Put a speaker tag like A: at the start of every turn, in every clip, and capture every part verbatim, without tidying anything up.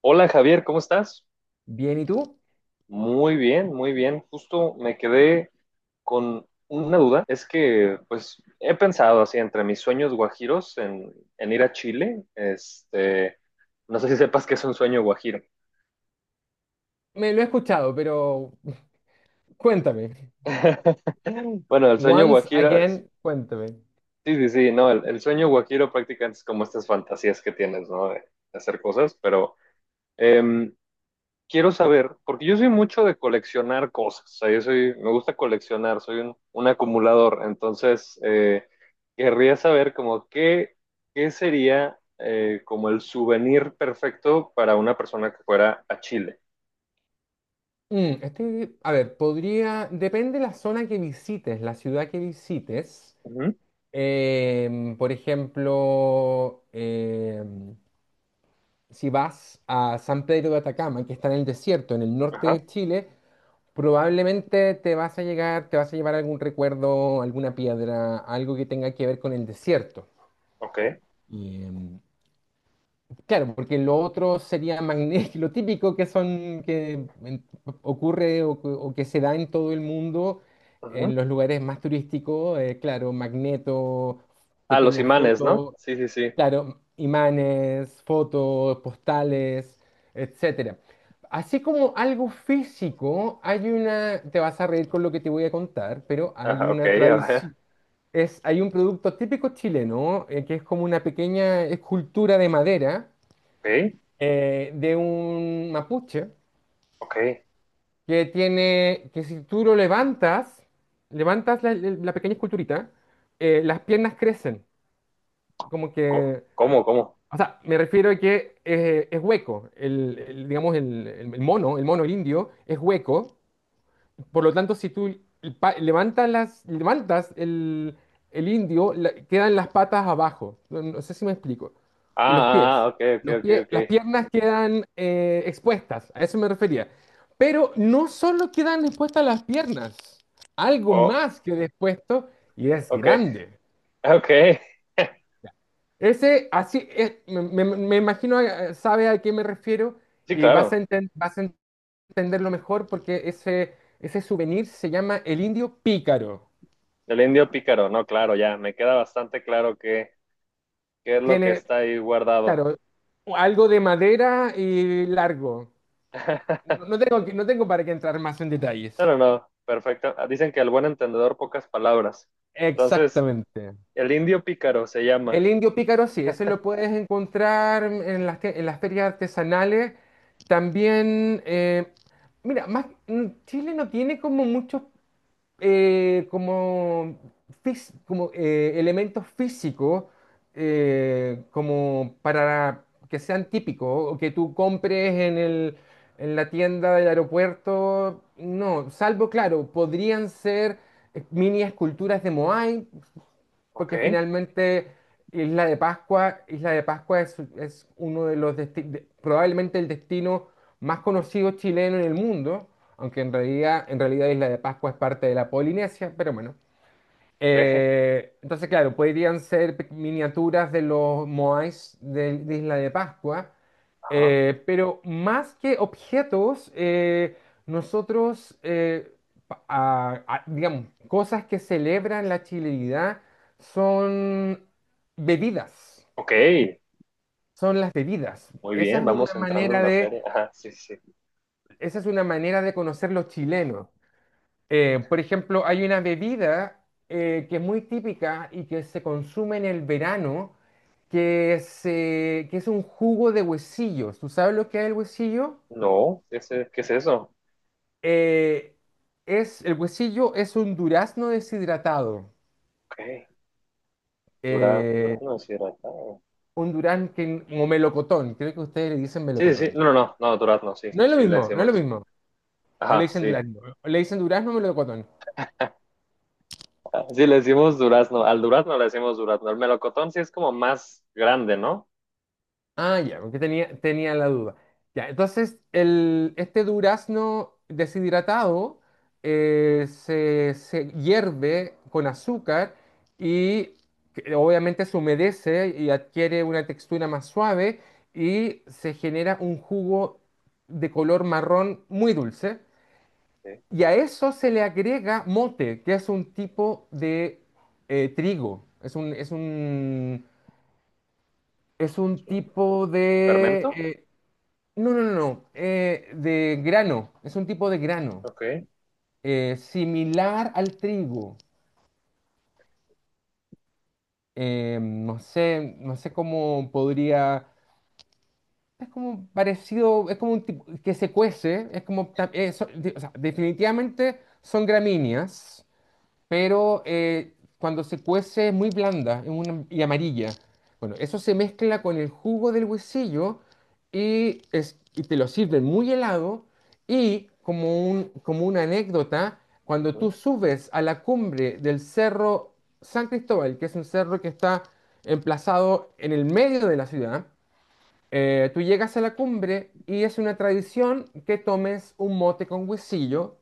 A: Hola Javier, ¿cómo estás?
B: Bien, ¿y tú?
A: Muy bien, muy bien. Justo me quedé con una duda. Es que, pues, he pensado así entre mis sueños guajiros en, en ir a Chile. Este, no sé si sepas que es un sueño guajiro.
B: Me lo he escuchado, pero cuéntame.
A: Bueno, el sueño
B: Once
A: guajiro, es-
B: again, cuéntame.
A: sí, sí, sí, no, el, el, sueño guajiro prácticamente es como estas fantasías que tienes, ¿no? De, de hacer cosas, pero em, quiero saber, porque yo soy mucho de coleccionar cosas, o sea, yo soy, me gusta coleccionar, soy un, un, acumulador, entonces eh, querría saber como qué, qué sería eh, como el souvenir perfecto para una persona que fuera a Chile.
B: Mm, este- a ver, podría, depende la zona que visites, la ciudad que visites.
A: Ujú,
B: Em, por ejemplo, em, si vas a San Pedro de Atacama, que está en el desierto, en el norte
A: ajá,
B: de Chile, probablemente te vas a llegar, te vas a llevar algún recuerdo, alguna piedra, algo que tenga que ver con el desierto.
A: ok.
B: Em, Claro, porque lo otro sería magnético, lo típico que son, que en- ocurre o, que o que se da en todo el mundo, en
A: Ujú.
B: los lugares más turísticos, eh, claro, magneto,
A: Ah, los
B: pequeñas
A: imanes, ¿no?
B: fotos,
A: Sí, sí, sí.
B: claro, imanes, fotos, postales, etcétera. Así como algo físico, hay una, te vas a reír con lo que te voy a contar, pero hay
A: Ajá, ok,
B: una
A: a ver.
B: tradición. Es, hay un producto típico chileno, eh, que es como una pequeña escultura de madera,
A: Ok,
B: eh, de un mapuche,
A: ok.
B: que tiene, que si tú lo levantas, levantas la, la pequeña esculturita, eh, las piernas crecen, como
A: Co-
B: que,
A: ¿Cómo, cómo?
B: o sea, me refiero a que eh, es hueco. El, el- digamos, el, el- el mono, el mono, el indio es hueco. Por lo tanto, si tú pa- levantas las, levantas el, el indio, la- quedan las patas abajo. No, no sé si me explico.
A: Ah,
B: Y los
A: ah, ah,
B: pies.
A: ok, ok,
B: Los
A: ok,
B: pies,
A: ok.
B: las piernas quedan, eh, expuestas. A eso me refería. Pero no solo quedan expuestas las piernas. Algo
A: Oh,
B: más queda expuesto y es
A: ok,
B: grande.
A: ok.
B: Ese, así, es- me, me- me imagino, eh, sabe a qué me refiero,
A: Sí,
B: y vas a,
A: claro.
B: enten- vas a entenderlo mejor porque ese, ese souvenir se llama el indio pícaro.
A: El indio pícaro, no, claro, ya, me queda bastante claro qué, qué es lo que
B: Tiene,
A: está ahí guardado.
B: claro, algo de madera y largo. No, no tengo, que- no tengo para qué entrar más en detalles.
A: No, no, no, perfecto. Ah, dicen que al buen entendedor pocas palabras. Entonces,
B: Exactamente.
A: el indio pícaro se
B: El
A: llama.
B: indio pícaro, sí, ese lo puedes encontrar en las, te- en las ferias artesanales. También, eh, mira, más, mm, Chile no tiene como muchos, eh, como, fis- como eh, elementos físicos, eh, como para que sean típicos o que tú compres en el, en la tienda del aeropuerto. No, salvo, claro, podrían ser, eh, mini esculturas de Moai,
A: Ok,
B: porque finalmente Isla de Pascua, Isla de Pascua es, es uno de los desti- de- probablemente el destino más conocido chileno en el mundo, aunque en realidad, en realidad Isla de Pascua es parte de la Polinesia, pero bueno.
A: ok,
B: Eh, entonces, claro, podrían ser, pe- miniaturas de los Moais de, de Isla de Pascua,
A: ajá,
B: eh, pero más que objetos, eh, nosotros, eh, pa- a- a- digamos, cosas que celebran la chilenidad son bebidas,
A: ok,
B: son las bebidas.
A: muy
B: Esa
A: bien,
B: es una
A: vamos entrando en
B: manera de,
A: materia. Ajá, sí, sí, sí.
B: esa es una manera de conocer los chilenos. Eh, por ejemplo, hay una bebida, eh, que es muy típica y que se consume en el verano, que es, eh, que es un jugo de huesillos. ¿Tú sabes lo que es el huesillo?
A: No, ¿qué es, qué es eso?
B: Eh, es, el huesillo es un durazno deshidratado,
A: Ok, dura-
B: eh,
A: durazno deshidratado.
B: un durazno que, o melocotón, creo que ustedes le dicen
A: Sí, sí,
B: melocotón.
A: sí, no, no, no, no, durazno, sí,
B: No es lo
A: sí, le
B: mismo, no es
A: decimos
B: lo
A: eso.
B: mismo. O le
A: Ajá,
B: dicen
A: sí.
B: durazno, o le dicen durazno o melocotón.
A: Sí, le decimos durazno. Al durazno le decimos durazno. El melocotón sí es como más grande, ¿no?
B: Ah, ya, porque tenía, tenía la duda. Ya, entonces el, este durazno deshidratado, eh, se, se hierve con azúcar y, que obviamente se humedece y adquiere una textura más suave, y se genera un jugo de color marrón muy dulce.
A: Sí.
B: Y a eso se le agrega mote, que es un tipo de, eh, trigo. Es un, es un, es un tipo de...
A: ¿Fermento?
B: eh, no, no, no, no. Eh, de grano. Es un tipo de grano,
A: Ok.
B: eh, similar al trigo. Eh, no sé, no sé cómo podría. Es como parecido, es como un tipo que se cuece. Es como, ta- eh, so- de- o sea, definitivamente son gramíneas. Pero, eh, cuando se cuece es muy blanda, es una- y amarilla. Bueno, eso se mezcla con el jugo del huesillo y, es- y te lo sirven muy helado. Y como un, como una anécdota, cuando tú
A: Ujú.
B: subes a la cumbre del cerro San Cristóbal, que es un cerro que está emplazado en el medio de la ciudad, eh, tú llegas a la cumbre y es una tradición que tomes un mote con huesillo,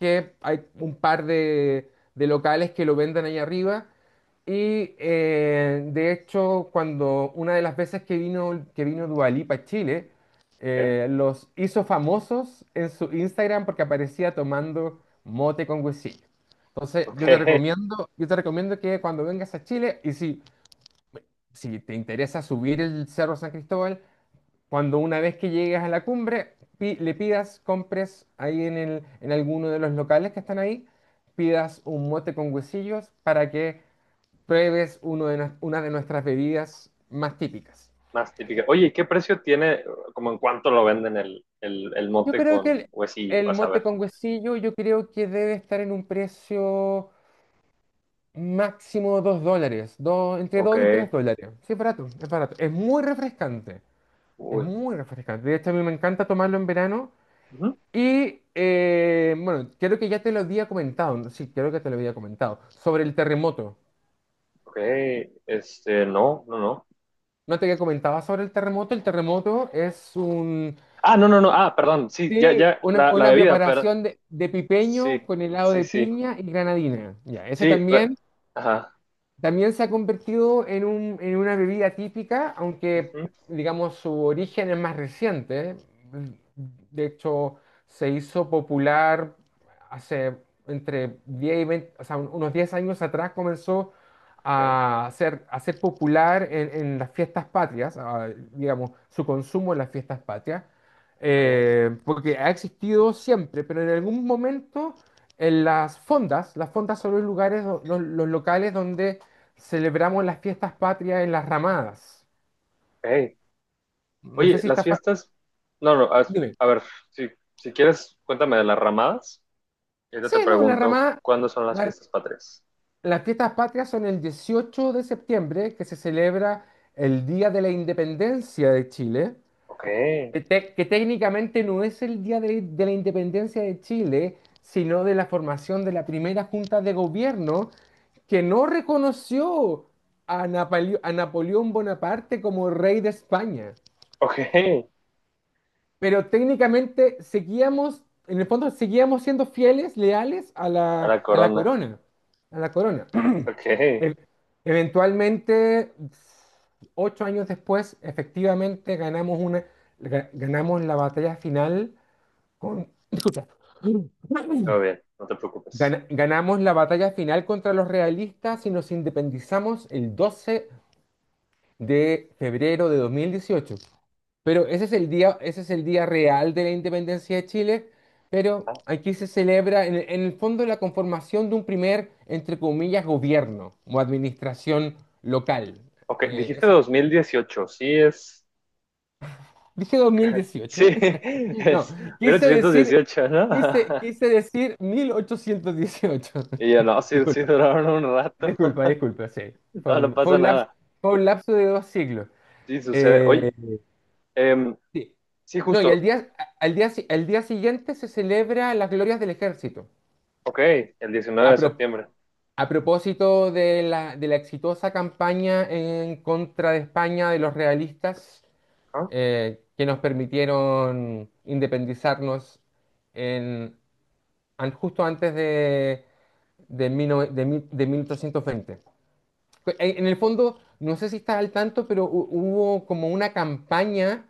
B: que hay un par de, de locales que lo venden ahí arriba. Y, eh, de hecho, cuando una de las veces que vino, que vino Dua Lipa a Chile,
A: Ok,
B: eh, los hizo famosos en su Instagram porque aparecía tomando mote con huesillo. Entonces,
A: ok.
B: yo te recomiendo, yo te recomiendo que cuando vengas a Chile, y si, si te interesa subir el Cerro San Cristóbal, cuando una vez que llegues a la cumbre, pi- le pidas, compres ahí en el, en alguno de los locales que están ahí, pidas un mote con huesillos para que pruebes uno de, nues- una de nuestras bebidas más típicas.
A: Más típica. Oye, ¿y qué precio tiene, como en cuánto lo venden el, el, el,
B: Yo
A: mote
B: creo que
A: con
B: el,
A: huesillo?
B: el
A: Vas a
B: mote
A: ver.
B: con huesillo, yo creo que debe estar en un precio máximo dos dólares, dos- entre
A: Ok,
B: dos y tres dólares. Sí, es barato, es barato. Es muy refrescante, es
A: uy.
B: muy refrescante. De hecho, a mí me encanta tomarlo en verano.
A: Ujú.
B: Y, eh, bueno, creo que ya te lo había comentado, ¿no? Sí, creo que te lo había comentado, sobre el terremoto.
A: Ok, este, no, no, no.
B: No te había comentado sobre el terremoto. El terremoto es un,
A: Ah, no, no, no, ah, perdón, sí, ya,
B: sí,
A: ya,
B: una,
A: la, la
B: una
A: bebida, pero
B: preparación de, de
A: sí,
B: pipeño con helado
A: sí,
B: de
A: sí,
B: piña y granadina. Ya, eso
A: sí, pero,
B: también,
A: ajá.
B: también se ha convertido en un- en una bebida típica, aunque
A: Ujú,
B: digamos su origen es más reciente. De hecho, se hizo popular hace entre diez y veinte, o sea, un- unos diez años atrás, comenzó
A: ok,
B: a ser, a ser popular en, en las fiestas patrias, a- digamos, su consumo en las fiestas patrias,
A: ok,
B: eh, porque ha existido siempre, pero en algún momento, en las fondas. Las fondas son los lugares, do- los, los locales donde celebramos las fiestas patrias, en las ramadas.
A: ok.
B: No sé
A: Oye,
B: si
A: las
B: está... fa-
A: fiestas. No, no, a,
B: Dime.
A: a ver, si, si quieres, cuéntame de las ramadas y
B: Sí,
A: ahorita te
B: no, la
A: pregunto
B: ramada,
A: cuándo son las
B: la-
A: fiestas patrias.
B: las fiestas patrias son el dieciocho de septiembre de septiembre, que se celebra el Día de la Independencia de Chile,
A: Ok,
B: que, tec- que técnicamente no es el Día de, de la Independencia de Chile, sino de la formación de la primera Junta de Gobierno que no reconoció a, Napaleo- a Napoleón Bonaparte como rey de España.
A: ok,
B: Pero técnicamente seguíamos, en el fondo, seguíamos siendo fieles, leales a
A: a la
B: la, a la
A: corona.
B: corona. A la corona.
A: Ok,
B: E- Eventualmente, ocho años después, efectivamente ganamos, una, ga- ganamos la batalla final con... Disculpa.
A: todo bien, no te preocupes.
B: Gana- ganamos la batalla final contra los realistas y nos independizamos el doce de febrero de febrero de dos mil dieciocho. Pero ese es el día, ese es el día real de la independencia de Chile, pero
A: Ah,
B: aquí se celebra, en, el en el fondo, la conformación de un primer, entre comillas, gobierno o administración local.
A: ok,
B: Eh,
A: dijiste
B: eso-
A: dos mil dieciocho, sí es.
B: Dije dos mil dieciocho.
A: Sí,
B: No,
A: es mil
B: quise
A: ochocientos
B: decir,
A: dieciocho, ¿no?
B: quise, quise decir mil ochocientos dieciocho.
A: Y yo no, sí, sí
B: Disculpa,
A: duraron un rato.
B: disculpa, disculpa, sí. Fue
A: No, no
B: un, fue
A: pasa
B: un laps-
A: nada.
B: Fue un lapso de dos siglos.
A: Sí, sucede. Oye,
B: Eh,
A: em,
B: Sí.
A: sí,
B: No, y al
A: justo.
B: día, al día, si- al día siguiente se celebra las glorias del ejército.
A: Ok, el diecinueve
B: A,
A: de
B: pro-
A: septiembre.
B: a propósito de la, de la exitosa campaña en contra de España de los realistas,
A: ¿Ah?
B: eh, que nos permitieron independizarnos en, an- justo antes de, de, mil nove- de mil- de mil ochocientos veinte. En, en el fondo, no sé si estás al tanto, pero hu- hubo como una campaña,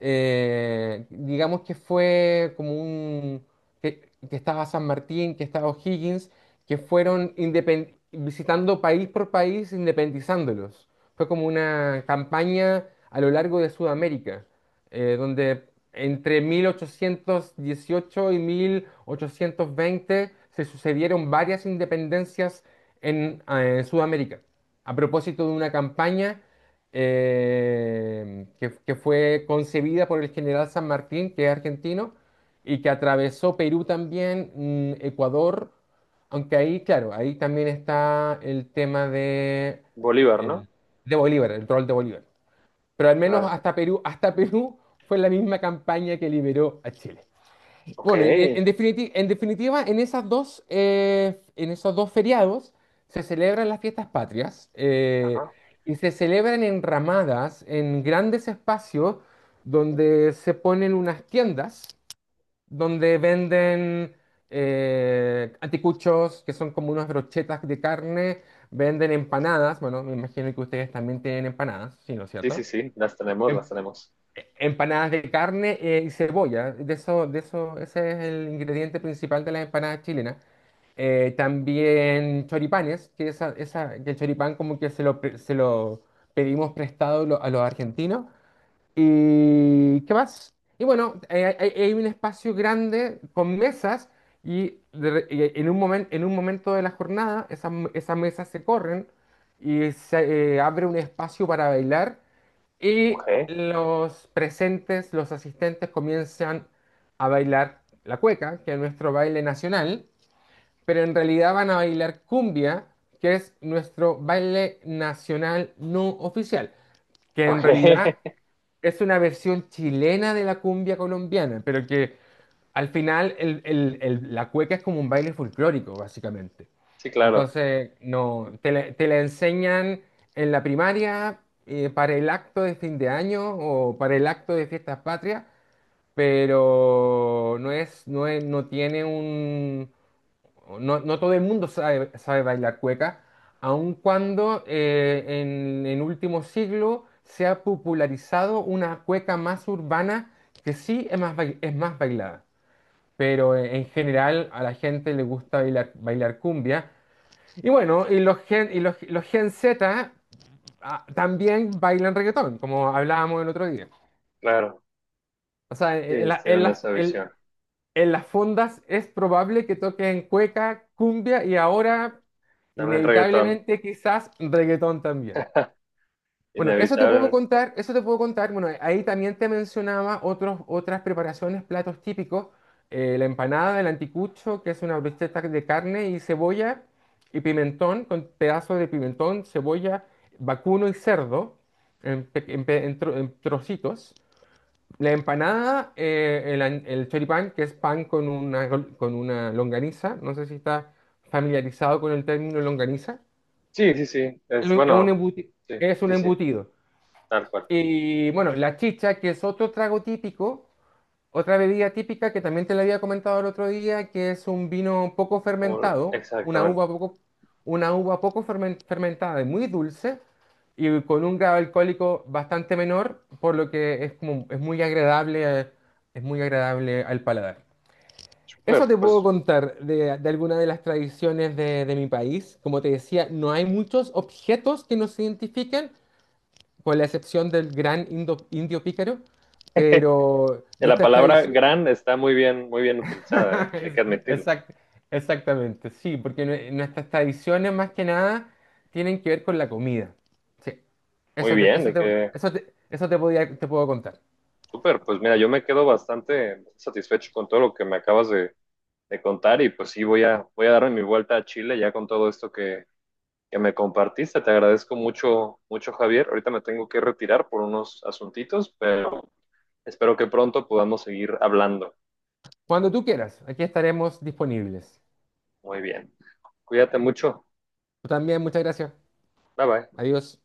B: eh, digamos, que fue como un, que, que estaba San Martín, que estaba O'Higgins, que fueron, independ- visitando país por país, independizándolos. Fue como una campaña a lo largo de Sudamérica, eh, donde entre mil ochocientos dieciocho y mil ochocientos veinte se sucedieron varias independencias en, eh, Sudamérica, a propósito de una campaña, eh, que, que fue concebida por el general San Martín, que es argentino, y que atravesó Perú también, mm, Ecuador, aunque ahí, claro, ahí también está el tema de,
A: Bolívar, ¿no?
B: el- de Bolívar, el rol de Bolívar. Pero al menos
A: Claro.
B: hasta Perú, hasta Perú fue la misma campaña que liberó a Chile.
A: Ok.
B: Bueno, y en definitiva, en definitiva, en esas dos, eh, en esos dos feriados se celebran las fiestas patrias, eh,
A: Ajá.
B: y se celebran en ramadas, en grandes espacios donde se ponen unas tiendas donde venden, eh, anticuchos, que son como unas brochetas de carne, venden empanadas, bueno, me imagino que ustedes también tienen empanadas, ¿sí, no es
A: Sí, sí,
B: cierto?
A: sí, las tenemos, las
B: Em-
A: tenemos.
B: Empanadas de carne, eh, y cebolla, de eso, de eso, ese es el ingrediente principal de las empanadas chilenas. Eh, también choripanes, que, esa, esa, que el choripán como que se lo, pre- se lo pedimos prestado, lo- a los argentinos. ¿Y qué más? Y bueno, eh, hay, hay un espacio grande con mesas y, de re- y en un momen- en un momento de la jornada, esas, esas mesas se corren y se, eh, abre un espacio para bailar, y
A: Ok.
B: los presentes, los asistentes comienzan a bailar la cueca, que es nuestro baile nacional, pero en realidad van a bailar cumbia, que es nuestro baile nacional no oficial, que en
A: Ok.
B: realidad es una versión chilena de la cumbia colombiana, pero que al final, el- el- el- la cueca es como un baile folclórico, básicamente.
A: Sí, claro,
B: Entonces, no, te, la te la enseñan en la primaria, eh, para el acto de fin de año o para el acto de fiestas patrias, pero no es, no es- no tiene un, no, no todo el mundo sabe, sabe bailar cueca, aun cuando, eh, en, en último siglo se ha popularizado una cueca más urbana que sí es más, bail- es más bailada, pero, eh, en general a la gente le gusta bailar, bailar cumbia. Y bueno, y los gen, y los, los gen zeta, ah, también bailan reggaetón, como hablábamos el otro día.
A: claro.
B: O sea,
A: Sí,
B: en, la-
A: ellos
B: en
A: tienen
B: las,
A: esa
B: en-
A: visión.
B: en las fondas es probable que toquen cueca, cumbia y ahora,
A: También reggaetón,
B: inevitablemente, quizás reggaetón también. Bueno, eso te puedo
A: inevitablemente.
B: contar, eso te puedo contar. Bueno, ahí también te mencionaba otros, otras preparaciones, platos típicos. Eh, la empanada, del anticucho, que es una brocheta de carne y cebolla y pimentón, con pedazos de pimentón, cebolla, vacuno y cerdo en, pe- en pe- en tro- en trocitos. La empanada, eh, el, an- el choripán, que es pan con una, gol- con una longaniza. No sé si estás familiarizado con el término longaniza.
A: Sí, sí, sí.
B: Es
A: Es
B: un
A: bueno.
B: embuti-
A: Sí,
B: es un
A: sí, sí.
B: embutido.
A: Tal cual.
B: Y bueno, la chicha, que es otro trago típico, otra bebida típica que también te la había comentado el otro día, que es un vino poco
A: Como,
B: fermentado, una
A: exactamente.
B: uva poco, una uva poco fermen- fermentada y muy dulce, y con un grado alcohólico bastante menor, por lo que es como, es muy agradable, eh, es muy agradable al paladar. Eso
A: Súper.
B: te puedo
A: Pues
B: contar de, de alguna de las tradiciones de, de mi país. Como te decía, no hay muchos objetos que nos identifiquen, con la excepción del gran, indo- indio pícaro, pero
A: eh, la
B: nuestras
A: palabra
B: tradiciones...
A: gran está muy bien, muy bien utilizada, ¿eh? Hay
B: Es-
A: que admitirlo.
B: Exact, Exactamente, sí, porque, nue- nuestras tradiciones más que nada tienen que ver con la comida. Sí,
A: Muy
B: eso te,
A: bien,
B: eso
A: de
B: te,
A: que.
B: eso te, eso te podía- te puedo contar.
A: Súper. Pues mira, yo me quedo bastante satisfecho con todo lo que me acabas de, de contar y pues sí voy a voy a darme mi vuelta a Chile ya con todo esto que que me compartiste. Te agradezco mucho, mucho, Javier. Ahorita me tengo que retirar por unos asuntitos, pero espero que pronto podamos seguir hablando.
B: Cuando tú quieras, aquí estaremos disponibles.
A: Muy bien. Cuídate mucho.
B: Tú también, muchas gracias.
A: Bye bye.
B: Adiós.